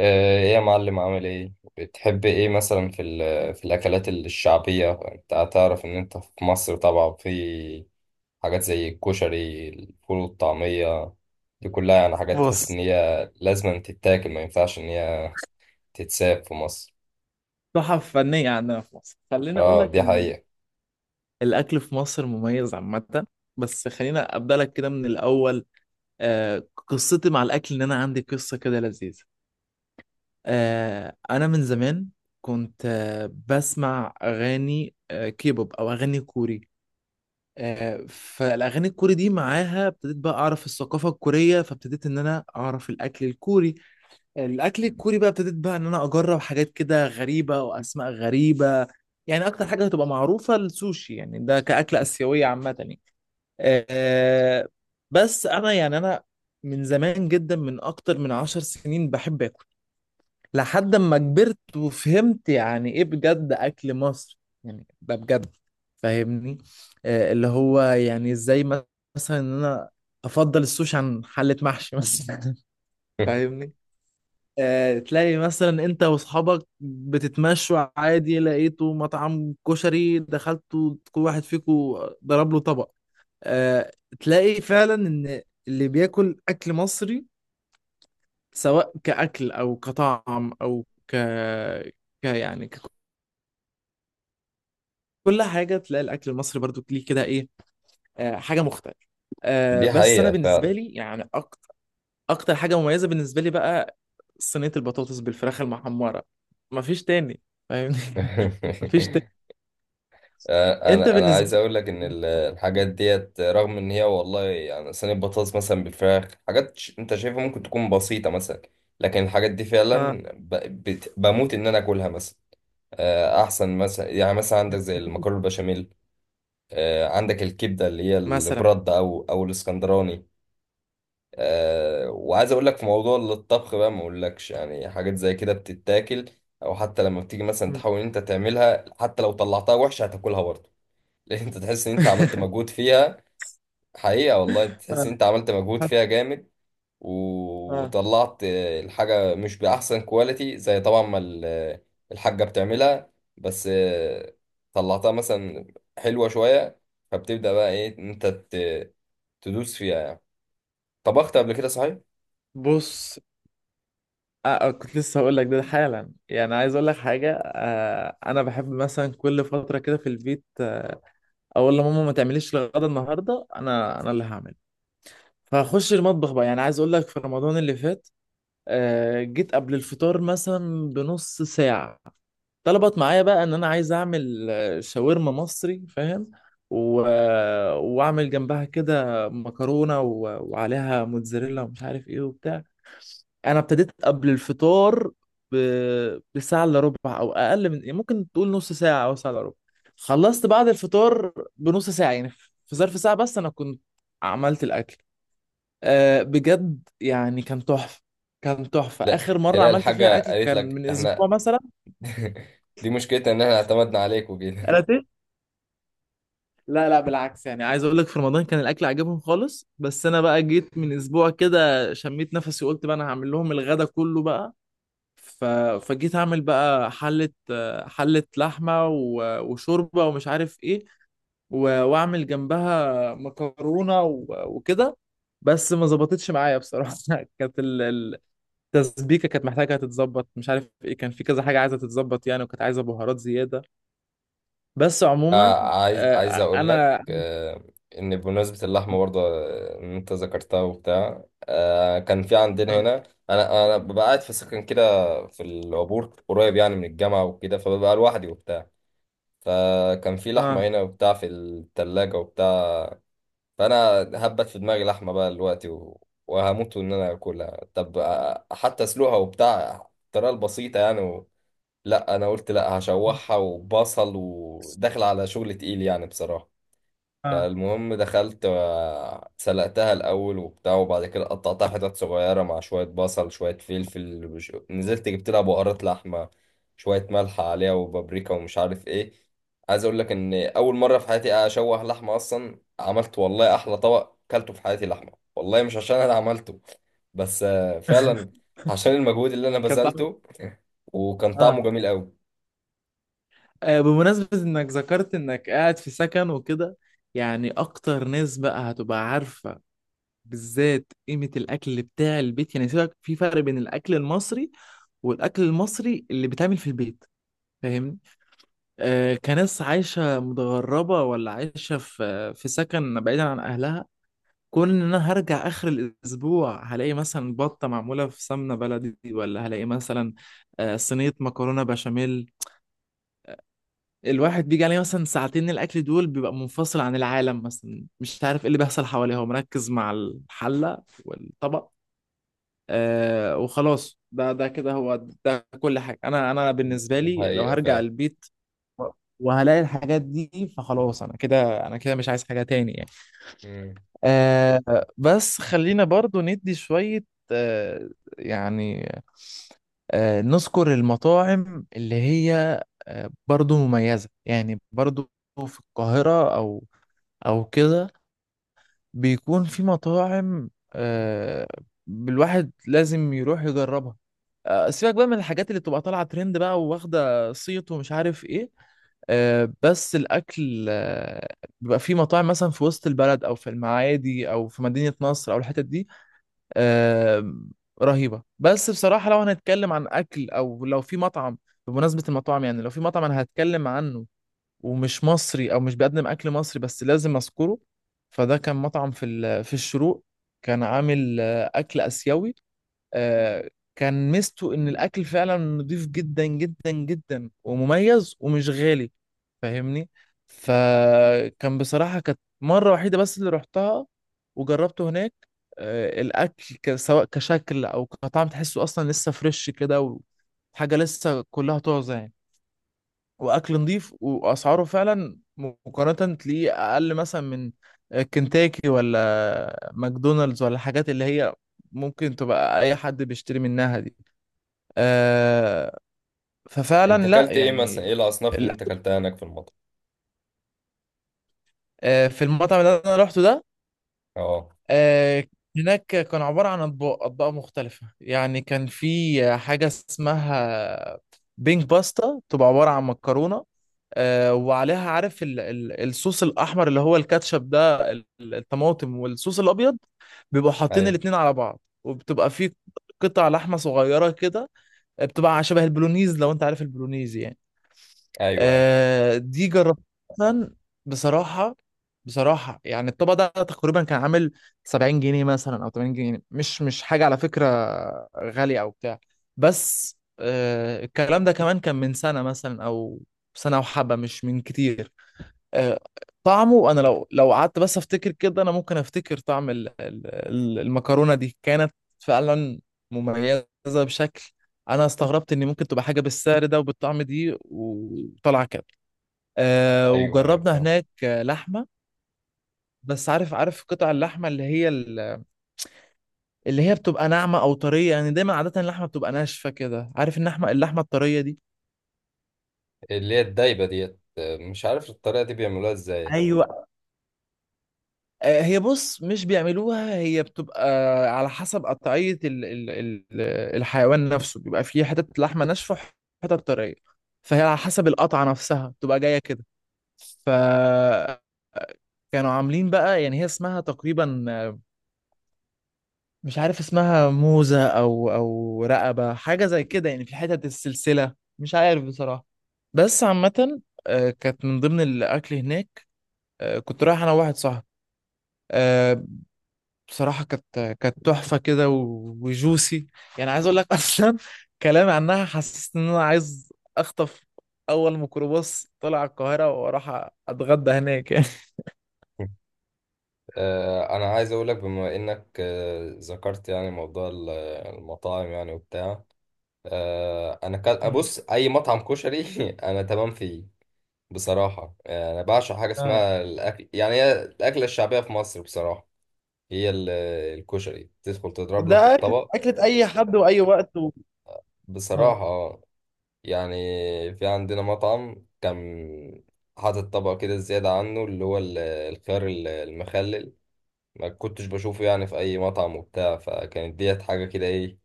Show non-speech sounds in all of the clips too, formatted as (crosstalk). ايه يا معلم، عامل ايه؟ بتحب ايه مثلا في الاكلات الشعبيه؟ انت هتعرف ان انت في مصر طبعا، في حاجات زي الكشري، الفول والطعميه. دي كلها يعني حاجات تحس ان بص، هي لازم أن تتاكل، ما ينفعش ان هي تتساب في مصر. تحف فنية عندنا في مصر. خليني أقول اه لك دي إن حقيقه. الأكل في مصر مميز عامة. بس خلينا أبدأ لك كده من الأول. قصتي مع الأكل إن أنا عندي قصة كده لذيذة. أنا من زمان كنت بسمع أغاني كيبوب أو أغاني كوري. فالأغاني الكوري دي معاها ابتديت بقى أعرف الثقافة الكورية، فابتديت إن أنا أعرف الأكل الكوري. الاكل الكوري بقى ابتديت بقى ان انا اجرب حاجات كده غريبه واسماء غريبه. يعني اكتر حاجه هتبقى معروفه السوشي، يعني ده كاكله اسيويه عامه يعني. أه بس انا يعني انا من زمان جدا، من اكتر من 10 سنين بحب اكل. لحد ما كبرت وفهمت يعني ايه بجد اكل مصر، يعني ده بجد. فاهمني؟ اللي هو يعني ازاي، مثلا ان انا افضل السوشي عن حله محشي مثلا. (laughs) (laughs) فاهمني؟ تلاقي مثلا انت واصحابك بتتمشوا عادي، لقيتوا مطعم كشري دخلتوا كل واحد فيكم ضرب له طبق. آه، تلاقي فعلا ان اللي بياكل اكل مصري سواء كاكل او كطعم او ك يعني ك... كل حاجه، تلاقي الاكل المصري برضو ليه كده ايه، حاجه مختلفه. دي بس انا حقيقه بالنسبه فعلا. لي يعني اكتر حاجه مميزه بالنسبه لي بقى صينيه البطاطس بالفراخ المحمره. مفيش تاني. فاهمني؟ (laughs) مفيش تاني. (laughs) آه، انت انا انا بالنسبه عايز اقول لك ان الحاجات لك. ديت، رغم ان هي والله يعني صينيه بطاطس مثلا بالفراخ، حاجات انت شايفها ممكن تكون بسيطه مثلا، لكن الحاجات دي اه فعلا بموت ان انا اكلها مثلا. احسن مثلا، يعني مثلا عندك زي المكرونه البشاميل، عندك الكبده اللي هي مثلا. البرد او او الاسكندراني. وعايز اقول لك في موضوع الطبخ بقى، ما اقولكش يعني حاجات زي كده بتتاكل، او حتى لما بتيجي مثلا مم. تحاول إن انت تعملها، حتى لو طلعتها وحشه هتاكلها برضه، لان انت تحس ان انت عملت (laughs) مجهود فيها. حقيقة والله تحس ان آه. انت عملت مجهود فيها جامد، آه. وطلعت الحاجة مش بأحسن كواليتي زي طبعا ما الحاجة بتعملها، بس طلعتها مثلا حلوة شوية، فبتبدأ بقى ايه ان انت تدوس فيها يعني. طبخت قبل كده صحيح؟ بص. كنت لسه هقول لك ده حالا، يعني عايز اقول لك حاجه. انا بحب مثلا كل فتره كده في البيت، اقول لماما ما تعمليش الغدا النهارده، انا اللي هعمل. فاخش المطبخ بقى. يعني عايز اقول لك في رمضان اللي فات، جيت قبل الفطار مثلا بنص ساعه. طلبت معايا بقى ان انا عايز اعمل شاورما مصري، فاهم؟ و... آه، واعمل جنبها كده مكرونه وعليها موتزاريلا ومش عارف ايه وبتاع. انا ابتديت قبل الفطار ب... بساعه الا ربع او اقل، من يعني ممكن تقول نص ساعه او ساعه الا ربع. خلصت بعد الفطار بنص ساعه يعني، في ظرف ساعه بس انا كنت عملت الاكل. بجد يعني كان تحفه، كان تحفه. لا اخر مره تلاقي عملت فيها الحاجة اكل قالت كان لك من اسبوع احنا. مثلا. (laughs) دي مشكلتنا ان احنا اعتمدنا عليك وكده. انا لا لا بالعكس، يعني عايز اقول لك في رمضان كان الاكل عجبهم خالص، بس انا بقى جيت من اسبوع كده شميت نفسي وقلت بقى انا هعمل لهم الغدا كله بقى. ف... فجيت اعمل بقى حلة. حلة لحمة وشوربة ومش عارف ايه، واعمل جنبها مكرونة وكده. بس ما ظبطتش معايا بصراحة. (laughs) كانت التسبيكة كانت محتاجة تتظبط، مش عارف ايه، كان في كذا حاجة عايزة تتظبط يعني، وكانت عايزة بهارات زيادة. بس آه عموما عايز آه، اقول لك انا ان بمناسبه اللحمه برضه، ان انت ذكرتها وبتاع، آه كان في عندنا اه هنا. انا ببقى قاعد في سكن كده في العبور، قريب يعني من الجامعه وكده، فببقى لوحدي وبتاع. فكان في لحمه آه. هنا وبتاع في الثلاجه وبتاع، فانا هبت في دماغي لحمه بقى دلوقتي وهموت ان انا اكلها. طب آه حتى اسلقها وبتاع الطريقه البسيطه يعني لا انا قلت لا، هشوحها وبصل، وداخل على شغل تقيل يعني بصراحه. اه فالمهم دخلت، سلقتها الأول وبتاع، وبعد كده قطعتها حتت صغيرة مع شوية بصل شوية فلفل وش- نزلت جبت لها بهارات لحمة، شوية ملح عليها وبابريكا ومش عارف ايه. عايز اقول لك ان اول مرة في حياتي اشوح لحمة اصلا، عملت والله احلى طبق كلته في حياتي لحمة، والله مش عشان انا عملته بس فعلا عشان المجهود اللي انا كان طعمه. بذلته، وكان (laughs) طعمه اه جميل قوي. بمناسبة انك ذكرت انك قاعد في سكن وكده، يعني اكتر ناس بقى هتبقى عارفة بالذات قيمة الاكل بتاع البيت. يعني سيبك، في فرق بين الاكل المصري والاكل المصري اللي بيتعمل في البيت. فاهمني؟ كناس عايشة متغربة ولا عايشة في سكن بعيدا عن اهلها، كون ان انا هرجع اخر الاسبوع هلاقي مثلا بطة معمولة في سمنة بلدي، ولا هلاقي مثلا صينية مكرونة بشاميل. الواحد بيجي عليه مثلا ساعتين الاكل دول بيبقى منفصل عن العالم، مثلا مش عارف ايه اللي بيحصل حواليه، هو مركز مع الحله والطبق. وخلاص ده كده هو، ده كل حاجه. انا بالنسبه لي لو حقيقة هرجع فعلا. البيت وهلاقي الحاجات دي فخلاص، انا كده انا كده مش عايز حاجه تاني يعني. مم. بس خلينا برضو ندي شوية. آه يعني نذكر المطاعم اللي هي برضو مميزة، يعني برضو في القاهرة أو كده بيكون في مطاعم، الواحد لازم يروح يجربها. سيبك بقى من الحاجات اللي بتبقى طالعة ترند بقى وواخدة صيت ومش عارف إيه. بس الأكل بيبقى في مطاعم مثلا في وسط البلد أو في المعادي أو في مدينة نصر أو الحتت دي آه، رهيبة. بس بصراحة لو هنتكلم عن أكل، أو لو في مطعم بمناسبة المطاعم، يعني لو في مطعم أنا هتكلم عنه ومش مصري أو مش بيقدم أكل مصري بس لازم أذكره، فده كان مطعم في في الشروق. كان عامل أكل آسيوي. آه، كان ميزته ان الاكل فعلا نضيف جدا جدا جدا ومميز ومش غالي. فاهمني؟ فكان بصراحة كانت مرة وحيدة بس اللي رحتها وجربته هناك. الاكل سواء كشكل او كطعم تحسه اصلا لسه فريش كده، وحاجة لسه كلها طازة يعني، واكل نظيف واسعاره فعلا مقارنه تلاقيه اقل مثلا من كنتاكي ولا ماكدونالدز ولا الحاجات اللي هي ممكن تبقى اي حد بيشتري منها دي. آه ففعلا انت لا اكلت ايه مثلا؟ يعني. ايه الاصناف اللي ال- انت اكلتها هناك في المطعم؟ في المطعم اللي انا روحته ده اه. آه، هناك كان عبارة عن أطباق أطباق مختلفة. يعني كان في حاجة اسمها بينك باستا، تبقى عبارة عن مكرونة وعليها عارف ال الصوص الأحمر اللي هو الكاتشب ده الطماطم، والصوص الأبيض. بيبقوا حاطين ايوه الاتنين على بعض وبتبقى في قطع لحمة صغيرة كده، بتبقى شبه البولونيز لو أنت عارف البولونيز يعني. ايوه ايوه. دي جربتها بصراحة. بصراحة يعني الطبق ده تقريبا كان عامل 70 جنيه مثلا أو 80 جنيه، مش مش حاجة على فكرة غالية أو بتاع. بس الكلام ده كمان كان من سنة مثلا أو سنة وحبة مش من كتير. آه، طعمه أنا، لو قعدت بس أفتكر كده، أنا ممكن أفتكر طعم المكرونة دي كانت فعلا مميزة بشكل. أنا استغربت إن ممكن تبقى حاجة بالسعر ده وبالطعم دي وطلع كده. ايوه ايوه وجربنا فاهم. هناك لحمه. بس عارف قطع اللحمه اللي هي اللي هي بتبقى ناعمه او طريه يعني، دايما عاده اللحمه بتبقى ناشفه كده. عارف اللحمه الطريه دي؟ اللي هي الدايبه ديت، مش عارف الطريقه دي بيعملوها ازاي. ايوه. هي بص مش بيعملوها، هي بتبقى على حسب قطعية ال ال ال الحيوان نفسه بيبقى فيه حتت لحمة ناشفة وحتت طرية، فهي على حسب القطعة نفسها بتبقى جاية كده. ف كانوا عاملين بقى. يعني هي اسمها تقريبا مش عارف اسمها موزة او رقبة حاجة زي كده، يعني في حتت السلسلة مش عارف بصراحة. بس عامة كانت من ضمن الاكل هناك. كنت رايح انا وواحد صاحبي. آه، بصراحة كانت تحفة كده وجوسي. يعني عايز اقول لك، (laughs) اصلا كلامي عنها حسست ان انا عايز اخطف اول ميكروباص طلع القاهرة واروح اتغدى هناك يعني. انا عايز اقول لك بما انك ذكرت يعني موضوع المطاعم يعني وبتاع، انا كان مم. ابص اي مطعم كشري (laughs) انا تمام فيه. بصراحه انا بعشق حاجه آه. اسمها الاكل، يعني هي الاكله الشعبيه في مصر بصراحه. هي الكشري تدخل تضرب لك ده أكل. الطبق أكلة أي حد وأي وقت آه. بصراحه يعني. في عندنا مطعم كان حاطط طبق كده زيادة عنه اللي هو الخيار المخلل، ما كنتش بشوفه يعني في أي مطعم وبتاع، فكانت ديت حاجة كده إيه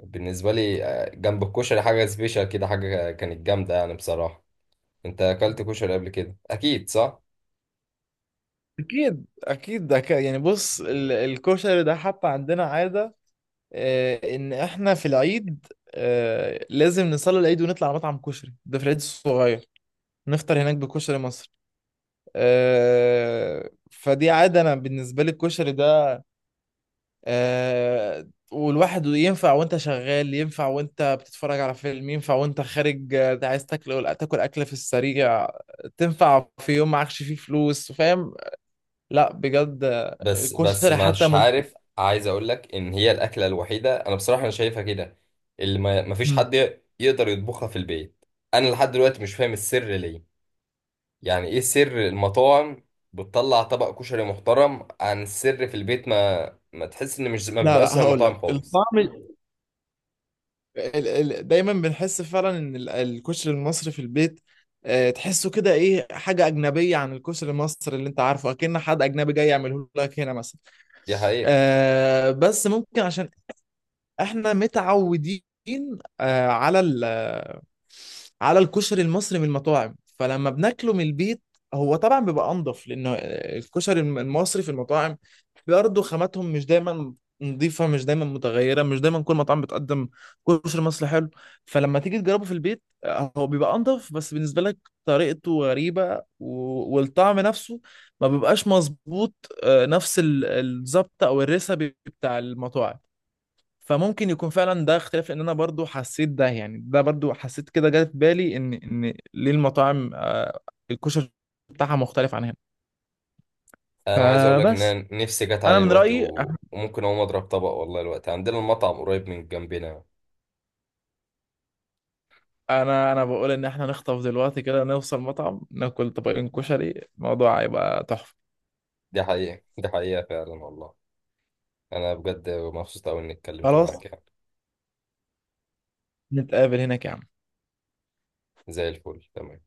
بالنسبة لي. جنب الكشري حاجة سبيشال كده، حاجة كانت جامدة يعني بصراحة. أنت أكلت كشري قبل كده أكيد صح؟ اكيد ده يعني بص الكشري ده حتى عندنا عاده ان احنا في العيد لازم نصلي العيد ونطلع على مطعم كشري، ده في العيد الصغير نفطر هناك بكشري مصر. فدي عاده انا بالنسبه لي الكشري ده والواحد ينفع وانت شغال، ينفع وانت بتتفرج على فيلم، ينفع وانت خارج عايز تاكل، تاكل اكله في السريع. تنفع في يوم معكش فيه فلوس، فاهم؟ لا بجد بس الكشري حتى. مش عارف، عايز أقول لك إن هي الأكلة الوحيدة أنا بصراحة أنا شايفها كده، اللي ما فيش مم. حد يقدر يطبخها في البيت. أنا لحد دلوقتي مش فاهم السر ليه. يعني ايه سر المطاعم بتطلع طبق كشري محترم؟ عن السر في البيت ما تحس ان مش ما لا بيبقاش لا زي هقول المطاعم لك خالص. الطعم دايما بنحس فعلا ان الكشري المصري في البيت تحسه كده ايه حاجه اجنبيه عن الكشري المصري اللي انت عارفه، اكن حد اجنبي جاي يعمله لك هنا مثلا. دي حقيقة. بس ممكن عشان احنا متعودين على ال آه، على الكشري المصري من المطاعم، فلما بناكله من البيت هو طبعا بيبقى انضف لانه الكشري المصري في المطاعم برضه خاماتهم مش دايما نظيفة، مش دايما متغيرة، مش دايما كل مطعم بتقدم كشري مصري حلو. فلما تيجي تجربه في البيت هو بيبقى انضف، بس بالنسبة لك طريقته غريبة والطعم نفسه ما بيبقاش مظبوط نفس الظبط او الريسبي بتاع المطاعم. فممكن يكون فعلا ده اختلاف، لان انا برضو حسيت ده يعني، ده برضو حسيت كده جه في بالي ان ليه المطاعم الكشري بتاعها مختلف عن هنا. انا عايز اقول لك ان فبس انا نفسي جت انا علي من الوقت رايي، وممكن اقوم اضرب طبق والله الوقت، عندنا المطعم قريب من جنبنا. انا بقول ان احنا نخطف دلوقتي كده نوصل مطعم ناكل طبقين كشري، الموضوع هيبقى تحفه. دي حقيقة، دي حقيقة فعلا والله. انا بجد مبسوط قوي اني اتكلمت خلاص، معاك يعني. نتقابل هناك يا عم. زي الفل، تمام.